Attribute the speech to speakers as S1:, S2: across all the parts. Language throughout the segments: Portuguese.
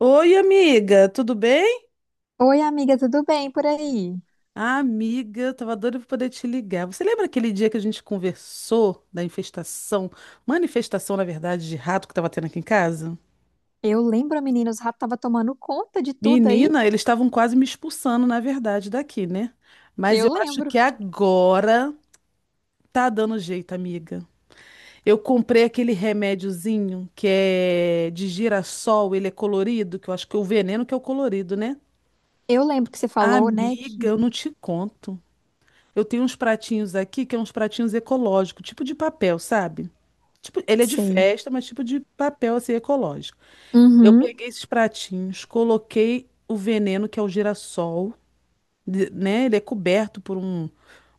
S1: Oi, amiga, tudo bem?
S2: Oi, amiga, tudo bem por aí?
S1: Ah, amiga, eu tava doida pra poder te ligar. Você lembra aquele dia que a gente conversou da infestação, manifestação, na verdade, de rato que tava tendo aqui em casa?
S2: Eu lembro, menina, os ratos estavam tomando conta de tudo aí.
S1: Menina, eles estavam quase me expulsando, na verdade, daqui, né? Mas eu
S2: Eu
S1: acho
S2: lembro.
S1: que agora tá dando jeito, amiga. Eu comprei aquele remédiozinho que é de girassol, ele é colorido, que eu acho que é o veneno que é o colorido, né?
S2: Eu lembro que você falou, né?
S1: Amiga, eu não te conto. Eu tenho uns pratinhos aqui que é uns pratinhos ecológicos, tipo de papel, sabe? Tipo, ele é de
S2: Sei.
S1: festa, mas tipo de papel assim ecológico. Eu
S2: Uhum.
S1: peguei esses pratinhos, coloquei o veneno que é o girassol, né? Ele é coberto por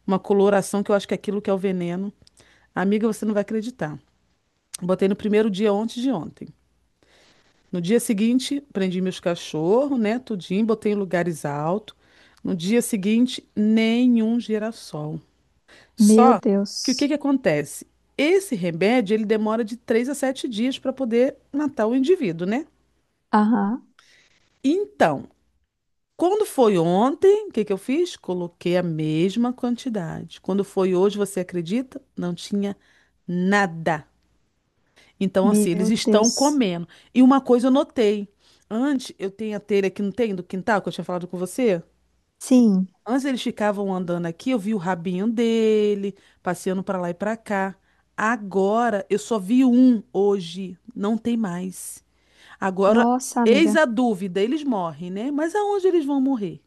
S1: uma coloração que eu acho que é aquilo que é o veneno. Amiga, você não vai acreditar. Botei no primeiro dia antes de ontem. No dia seguinte, prendi meus cachorros, né? Tudinho, botei em lugares altos. No dia seguinte, nenhum girassol.
S2: Meu
S1: Só que o que
S2: Deus.
S1: que acontece? Esse remédio, ele demora de 3 a 7 dias para poder matar o indivíduo, né?
S2: Aham.
S1: Então, quando foi ontem, o que que eu fiz? Coloquei a mesma quantidade. Quando foi hoje, você acredita? Não tinha nada. Então, assim, eles
S2: Meu
S1: estão
S2: Deus.
S1: comendo. E uma coisa eu notei. Antes, eu tenho a telha que não tem do quintal, que eu tinha falado com você.
S2: Sim.
S1: Antes eles ficavam andando aqui, eu vi o rabinho dele, passeando pra lá e pra cá. Agora eu só vi um hoje, não tem mais. Agora,
S2: Nossa,
S1: eis
S2: amiga.
S1: a dúvida, eles morrem, né? Mas aonde eles vão morrer?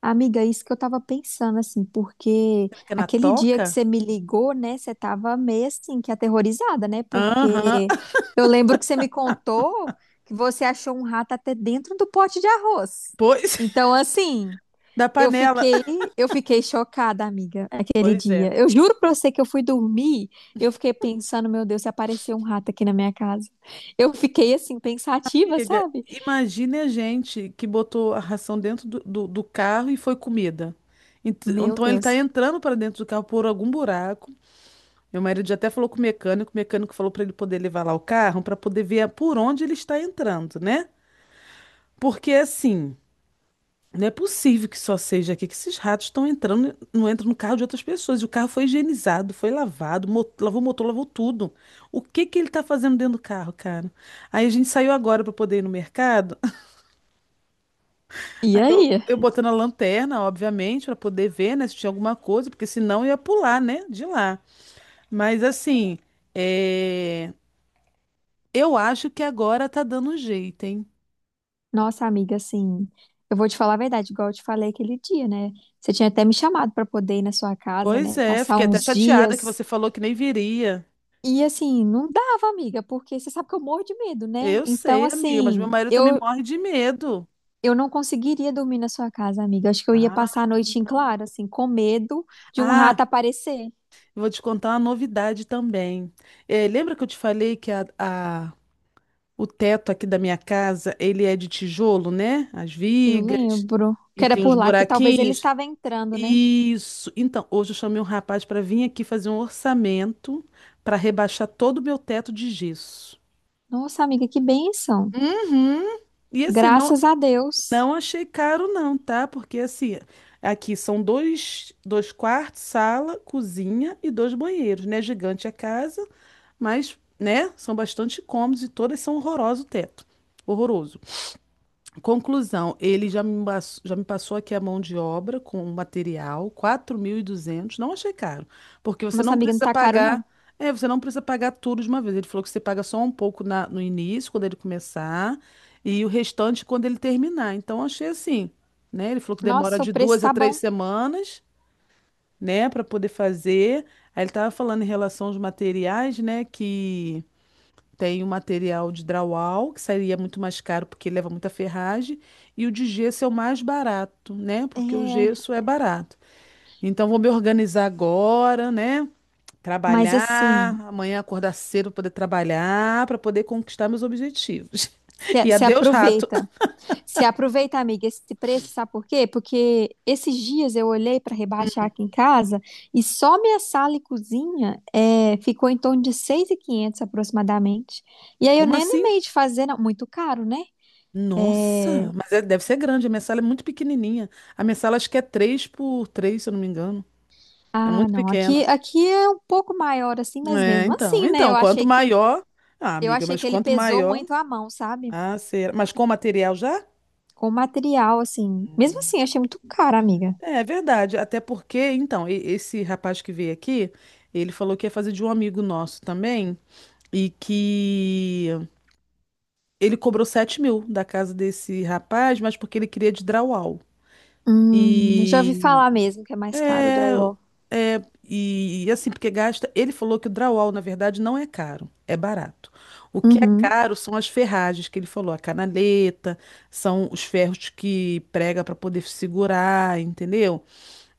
S2: Amiga, isso que eu tava pensando, assim, porque
S1: Será que é na
S2: aquele dia que
S1: toca?
S2: você me ligou, né? Você tava meio assim, que aterrorizada, né?
S1: Aham,
S2: Porque eu lembro que você me contou que você achou um rato até dentro do pote de arroz.
S1: pois,
S2: Então, assim.
S1: da
S2: Eu
S1: panela.
S2: fiquei, eu fiquei chocada, amiga, aquele
S1: Pois é.
S2: dia. Eu juro pra você que eu fui dormir, eu fiquei pensando, meu Deus, se apareceu um rato aqui na minha casa. Eu fiquei assim, pensativa,
S1: Amiga,
S2: sabe?
S1: imagine a gente que botou a ração dentro do carro e foi comida.
S2: Meu
S1: Então ele tá
S2: Deus.
S1: entrando para dentro do carro por algum buraco. Meu marido já até falou com o mecânico falou para ele poder levar lá o carro para poder ver por onde ele está entrando, né? Porque assim, não é possível que só seja aqui que esses ratos estão entrando, não entram no carro de outras pessoas. E o carro foi higienizado, foi lavado, lavou o motor, lavou tudo. O que que ele está fazendo dentro do carro, cara? Aí a gente saiu agora para poder ir no mercado.
S2: E aí?
S1: Eu botando a lanterna, obviamente, para poder ver, né, se tinha alguma coisa, porque senão eu ia pular, né, de lá. Mas assim, é... eu acho que agora tá dando jeito, hein?
S2: Nossa, amiga, assim, eu vou te falar a verdade, igual eu te falei aquele dia, né? Você tinha até me chamado pra poder ir na sua casa,
S1: Pois
S2: né?
S1: é,
S2: Passar
S1: fiquei até
S2: uns
S1: chateada que
S2: dias.
S1: você falou que nem viria.
S2: E assim, não dava, amiga, porque você sabe que eu morro de medo, né?
S1: Eu
S2: Então,
S1: sei, amiga, mas meu
S2: assim,
S1: marido também
S2: eu,
S1: morre de medo.
S2: Eu não conseguiria dormir na sua casa, amiga. Acho que eu ia
S1: Ah,
S2: passar a noite em claro, assim, com medo de um rato
S1: ah,
S2: aparecer.
S1: eu vou te contar uma novidade também. Lembra que eu te falei que o teto aqui da minha casa, ele é de tijolo, né? As
S2: Eu
S1: vigas
S2: lembro que
S1: e
S2: era
S1: tem
S2: por
S1: os
S2: lá que talvez ele
S1: buraquinhos.
S2: estava entrando, né?
S1: Isso. Então, hoje eu chamei um rapaz para vir aqui fazer um orçamento para rebaixar todo o meu teto de gesso.
S2: Nossa, amiga, que bênção.
S1: Uhum. E assim,
S2: Graças a Deus.
S1: não achei caro não, tá? Porque assim, aqui são dois quartos, sala, cozinha e dois banheiros, né? Gigante a casa, mas, né, são bastante cômodos e todas são horroroso o teto. Horroroso. Conclusão, ele já me, mas- já me passou aqui a mão de obra com o material, 4.200, não achei caro, porque você
S2: Nossa,
S1: não
S2: amiga, não
S1: precisa
S2: tá caro,
S1: pagar,
S2: não.
S1: você não precisa pagar tudo de uma vez. Ele falou que você paga só um pouco no início, quando ele começar, e o restante quando ele terminar. Então achei assim, né? Ele falou que demora
S2: Nossa, o
S1: de
S2: preço
S1: duas a
S2: tá
S1: três
S2: bom.
S1: semanas, né, para poder fazer. Aí ele estava falando em relação aos materiais, né, que tem o material de drywall, que seria muito mais caro porque leva muita ferragem, e o de gesso é o mais barato, né? Porque o
S2: É,
S1: gesso é barato. Então vou me organizar agora, né?
S2: mas
S1: Trabalhar,
S2: assim,
S1: amanhã acordar cedo para poder trabalhar, para poder conquistar meus objetivos.
S2: se,
S1: E
S2: se
S1: adeus, rato.
S2: aproveita. Se aproveita, amiga, esse preço, sabe por quê? Porque esses dias eu olhei para rebaixar aqui em casa e só minha sala e cozinha é, ficou em torno de 6.500 aproximadamente. E aí eu
S1: Como
S2: nem
S1: assim?
S2: animei de fazer, não. Muito caro, né?
S1: Nossa, mas deve ser grande. A minha sala é muito pequenininha. A minha sala acho que é 3 por 3 se eu não me engano. É
S2: Ah,
S1: muito
S2: não. Aqui,
S1: pequena.
S2: aqui é um pouco maior assim, mas
S1: É,
S2: mesmo
S1: então.
S2: assim, né?
S1: Então,
S2: Eu
S1: quanto
S2: achei que
S1: maior. Ah,
S2: eu
S1: amiga,
S2: achei
S1: mas
S2: que ele
S1: quanto
S2: pesou
S1: maior.
S2: muito a mão, sabe?
S1: Ah, será? Mas com material já?
S2: Com o material assim. Mesmo assim, eu achei muito caro, amiga.
S1: É, é verdade. Até porque, então, esse rapaz que veio aqui, ele falou que ia fazer de um amigo nosso também e que ele cobrou 7.000 da casa desse rapaz, mas porque ele queria de drywall.
S2: Já ouvi
S1: E
S2: falar mesmo que é mais caro o
S1: é,
S2: drywall.
S1: e assim, porque gasta. Ele falou que o drywall, na verdade, não é caro, é barato. O que é
S2: Uhum.
S1: caro são as ferragens que ele falou, a canaleta, são os ferros que prega para poder segurar, entendeu?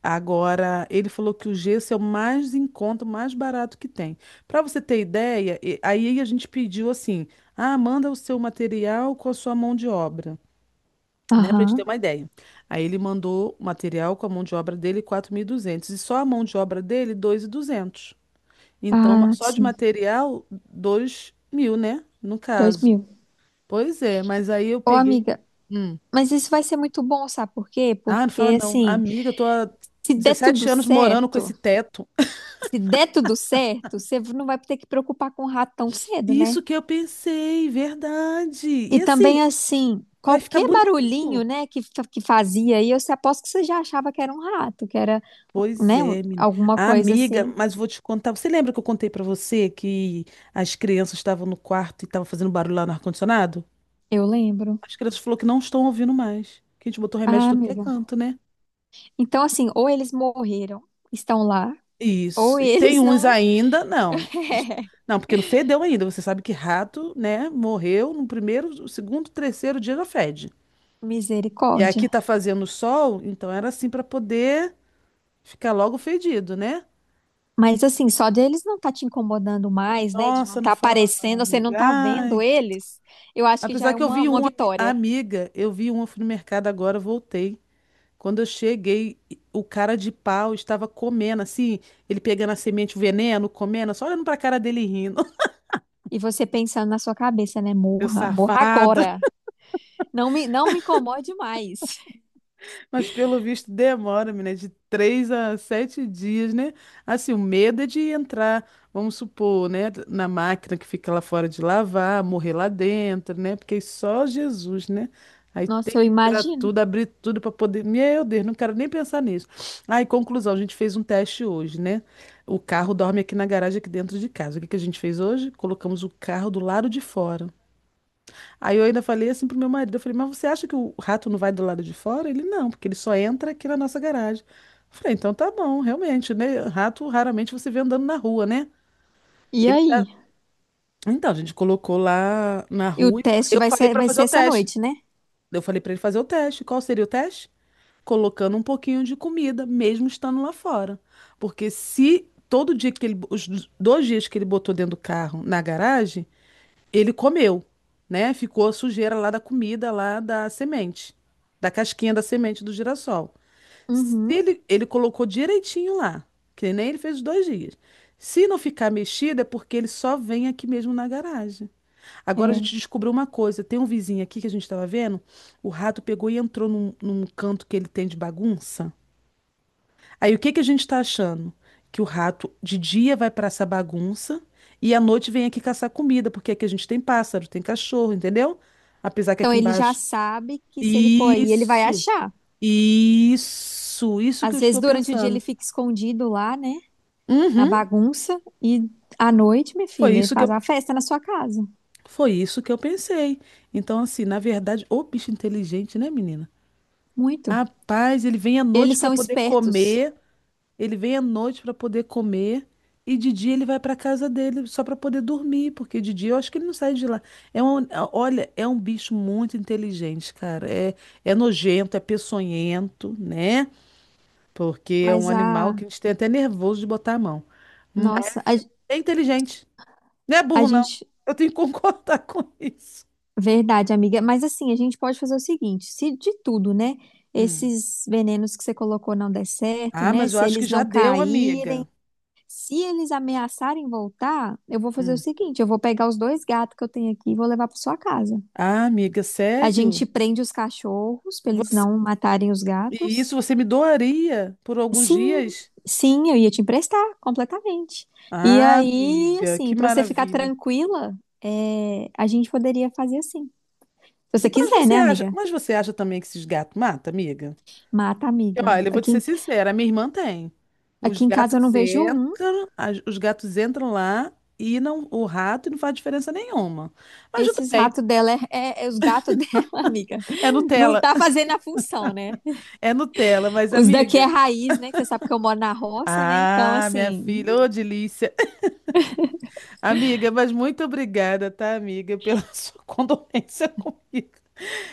S1: Agora, ele falou que o gesso é o mais em conta, o mais barato que tem. Para você ter ideia, aí a gente pediu assim: ah, manda o seu material com a sua mão de obra, né? Para gente ter
S2: Aham.
S1: uma ideia. Aí ele mandou o material com a mão de obra dele, 4.200 e duzentos, e só a mão de obra dele 2.200. Então,
S2: Ah,
S1: só de
S2: sim.
S1: material, 2.000, né? No
S2: Dois
S1: caso.
S2: mil.
S1: Pois é, mas aí eu
S2: Ô,
S1: peguei.
S2: amiga,
S1: Hum.
S2: mas isso vai ser muito bom, sabe por quê?
S1: Ah, não fala
S2: Porque,
S1: não.
S2: assim,
S1: Amiga, eu tô há
S2: se der
S1: 17
S2: tudo
S1: anos morando com esse
S2: certo,
S1: teto.
S2: se der tudo certo, você não vai ter que preocupar com o rato tão cedo, né?
S1: Isso que eu pensei, verdade.
S2: E
S1: E assim,
S2: também, assim,
S1: vai ficar
S2: qualquer barulhinho,
S1: bonito.
S2: né, que fazia aí, eu se- aposto que você já achava que era um rato, que era,
S1: Pois
S2: né,
S1: é, menina.
S2: alguma coisa
S1: Amiga,
S2: assim.
S1: mas vou te contar. Você lembra que eu contei pra você que as crianças estavam no quarto e estavam fazendo barulho lá no ar-condicionado?
S2: Eu lembro.
S1: As crianças falaram que não estão ouvindo mais. Que a gente botou remédio em
S2: Ah,
S1: tudo que é
S2: amiga.
S1: canto, né?
S2: Então, assim, ou eles morreram, estão lá, ou
S1: Isso. E tem
S2: eles
S1: uns
S2: não.
S1: ainda, não. Não, porque não fedeu ainda. Você sabe que rato, né, morreu no primeiro, segundo, terceiro dia já fede. E
S2: Misericórdia.
S1: aqui tá fazendo sol, então era assim pra poder. Fica logo fedido, né?
S2: Mas assim, só deles não tá te incomodando mais, né? De não
S1: Nossa, não
S2: tá
S1: fala não,
S2: aparecendo, você
S1: amiga.
S2: não tá vendo
S1: Ai,
S2: eles, eu acho que já
S1: apesar
S2: é
S1: que eu
S2: uma,
S1: vi
S2: uma vitória.
S1: uma, fui no mercado agora, voltei. Quando eu cheguei, o cara de pau estava comendo, assim, ele pegando a semente, o veneno, comendo, só olhando pra cara dele e rindo.
S2: E você pensando na sua cabeça, né?
S1: Meu
S2: Morra, morra
S1: safado.
S2: agora. Não me incomode mais.
S1: Mas pelo visto demora, menina, de 3 a 7 dias, né? Assim, o medo é de entrar, vamos supor, né, na máquina que fica lá fora de lavar, morrer lá dentro, né? Porque é só Jesus, né? Aí tem
S2: Nossa, eu
S1: que tirar
S2: imagino.
S1: tudo, abrir tudo para poder. Meu Deus, não quero nem pensar nisso. Aí, conclusão, a gente fez um teste hoje, né? O carro dorme aqui na garagem, aqui dentro de casa. O que que a gente fez hoje? Colocamos o carro do lado de fora. Aí eu ainda falei assim pro meu marido, eu falei, mas você acha que o rato não vai do lado de fora? Ele, não, porque ele só entra aqui na nossa garagem. Eu falei, então tá bom, realmente, né? Rato raramente você vê andando na rua, né?
S2: E
S1: Ele,
S2: aí?
S1: então, a gente colocou lá na
S2: E o
S1: rua.
S2: teste
S1: Eu
S2: vai
S1: falei
S2: ser,
S1: pra
S2: vai
S1: fazer
S2: ser
S1: o
S2: essa
S1: teste.
S2: noite, né?
S1: Eu falei pra ele fazer o teste. Qual seria o teste? Colocando um pouquinho de comida, mesmo estando lá fora. Porque se todo dia que ele, os 2 dias que ele botou dentro do carro na garagem, ele comeu, né? Ficou a sujeira lá da comida, lá da semente, da casquinha da semente do girassol. Se
S2: Uhum.
S1: ele colocou direitinho lá, que nem ele fez os 2 dias. Se não ficar mexido, é porque ele só vem aqui mesmo na garagem. Agora a
S2: É.
S1: gente descobriu uma coisa: tem um vizinho aqui que a gente estava vendo, o rato pegou e entrou num canto que ele tem de bagunça. Aí o que que a gente está achando? Que o rato de dia vai para essa bagunça e à noite vem aqui caçar comida, porque aqui a gente tem pássaro, tem cachorro, entendeu? Apesar que
S2: Então
S1: aqui
S2: ele já
S1: embaixo.
S2: sabe que se ele for aí, ele vai
S1: Isso,
S2: achar.
S1: isso que eu
S2: Às vezes
S1: estou
S2: durante o dia ele
S1: pensando.
S2: fica escondido lá, né? Na
S1: Uhum,
S2: bagunça. E à noite, minha
S1: foi
S2: filha, ele
S1: isso que
S2: faz
S1: eu,
S2: a festa na sua casa.
S1: foi isso que eu pensei. Então, assim, na verdade, ô bicho inteligente, né, menina?
S2: Muito.
S1: Rapaz, ele vem à noite
S2: Eles
S1: para
S2: são
S1: poder
S2: espertos,
S1: comer. Ele vem à noite para poder comer E de dia ele vai para casa dele só para poder dormir, porque de dia eu acho que ele não sai de lá. É um, é, Olha, é um bicho muito inteligente, cara. É, é nojento, é peçonhento, né? Porque é um
S2: mas
S1: animal que
S2: a.
S1: a gente tem até nervoso de botar a mão. Mas
S2: Nossa, a,
S1: é inteligente. Não é
S2: a
S1: burro, não.
S2: gente.
S1: Eu tenho que concordar com isso.
S2: Verdade, amiga. Mas assim, a gente pode fazer o seguinte: se de tudo, né?
S1: Hum.
S2: Esses venenos que você colocou não der certo,
S1: Ah,
S2: né?
S1: mas eu
S2: Se
S1: acho que
S2: eles
S1: já
S2: não
S1: deu,
S2: caírem,
S1: amiga.
S2: se eles ameaçarem voltar, eu vou fazer o
S1: Hum.
S2: seguinte: eu vou pegar os dois gatos que eu tenho aqui e vou levar para sua casa.
S1: Ah, amiga,
S2: A
S1: sério?
S2: gente prende os cachorros para eles
S1: Você...
S2: não matarem os
S1: E isso
S2: gatos.
S1: você me doaria por alguns
S2: Sim,
S1: dias?
S2: sim, eu ia te emprestar completamente. E
S1: Ah,
S2: aí,
S1: amiga, que
S2: assim, pra você ficar
S1: maravilha.
S2: tranquila, é, a gente poderia fazer assim. Se você quiser, né, amiga?
S1: Mas você acha também que esses gatos matam, amiga?
S2: Mata, a
S1: E
S2: amiga.
S1: olha, eu vou te
S2: Aqui,
S1: ser
S2: em-
S1: sincera, a minha irmã tem. Os
S2: aqui em casa eu não
S1: gatos
S2: vejo um.
S1: entram, os gatos entram lá e não, o rato não faz diferença nenhuma. Mas tudo
S2: Esses
S1: bem,
S2: ratos dela é os gatos dela, amiga.
S1: é
S2: Não
S1: Nutella,
S2: tá fazendo a função, né?
S1: é Nutella, mas
S2: Os daqui é
S1: amiga.
S2: raiz, né? Que você sabe que eu moro na roça, né? Então,
S1: Ah, minha
S2: assim,
S1: filha, ô delícia. Amiga, mas muito obrigada, tá, amiga, pela sua condolência comigo.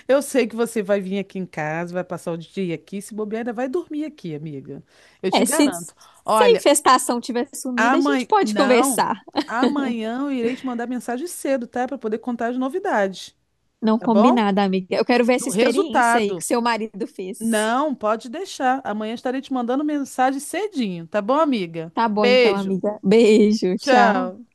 S1: Eu sei que você vai vir aqui em casa, vai passar o dia aqui, se bobear, ainda vai dormir aqui, amiga. Eu te
S2: é, se,
S1: garanto.
S2: se a
S1: Olha,
S2: infestação tiver sumida, a gente
S1: amanhã.
S2: pode
S1: Não,
S2: conversar.
S1: amanhã eu irei te mandar mensagem cedo, tá? Para poder contar as novidades,
S2: Não
S1: tá bom?
S2: combinada, amiga. Eu quero ver essa
S1: Do
S2: experiência aí que
S1: resultado.
S2: seu marido fez.
S1: Não, pode deixar. Amanhã estarei te mandando mensagem cedinho, tá bom, amiga?
S2: Tá bom, então,
S1: Beijo.
S2: amiga. Beijo, tchau.
S1: Tchau.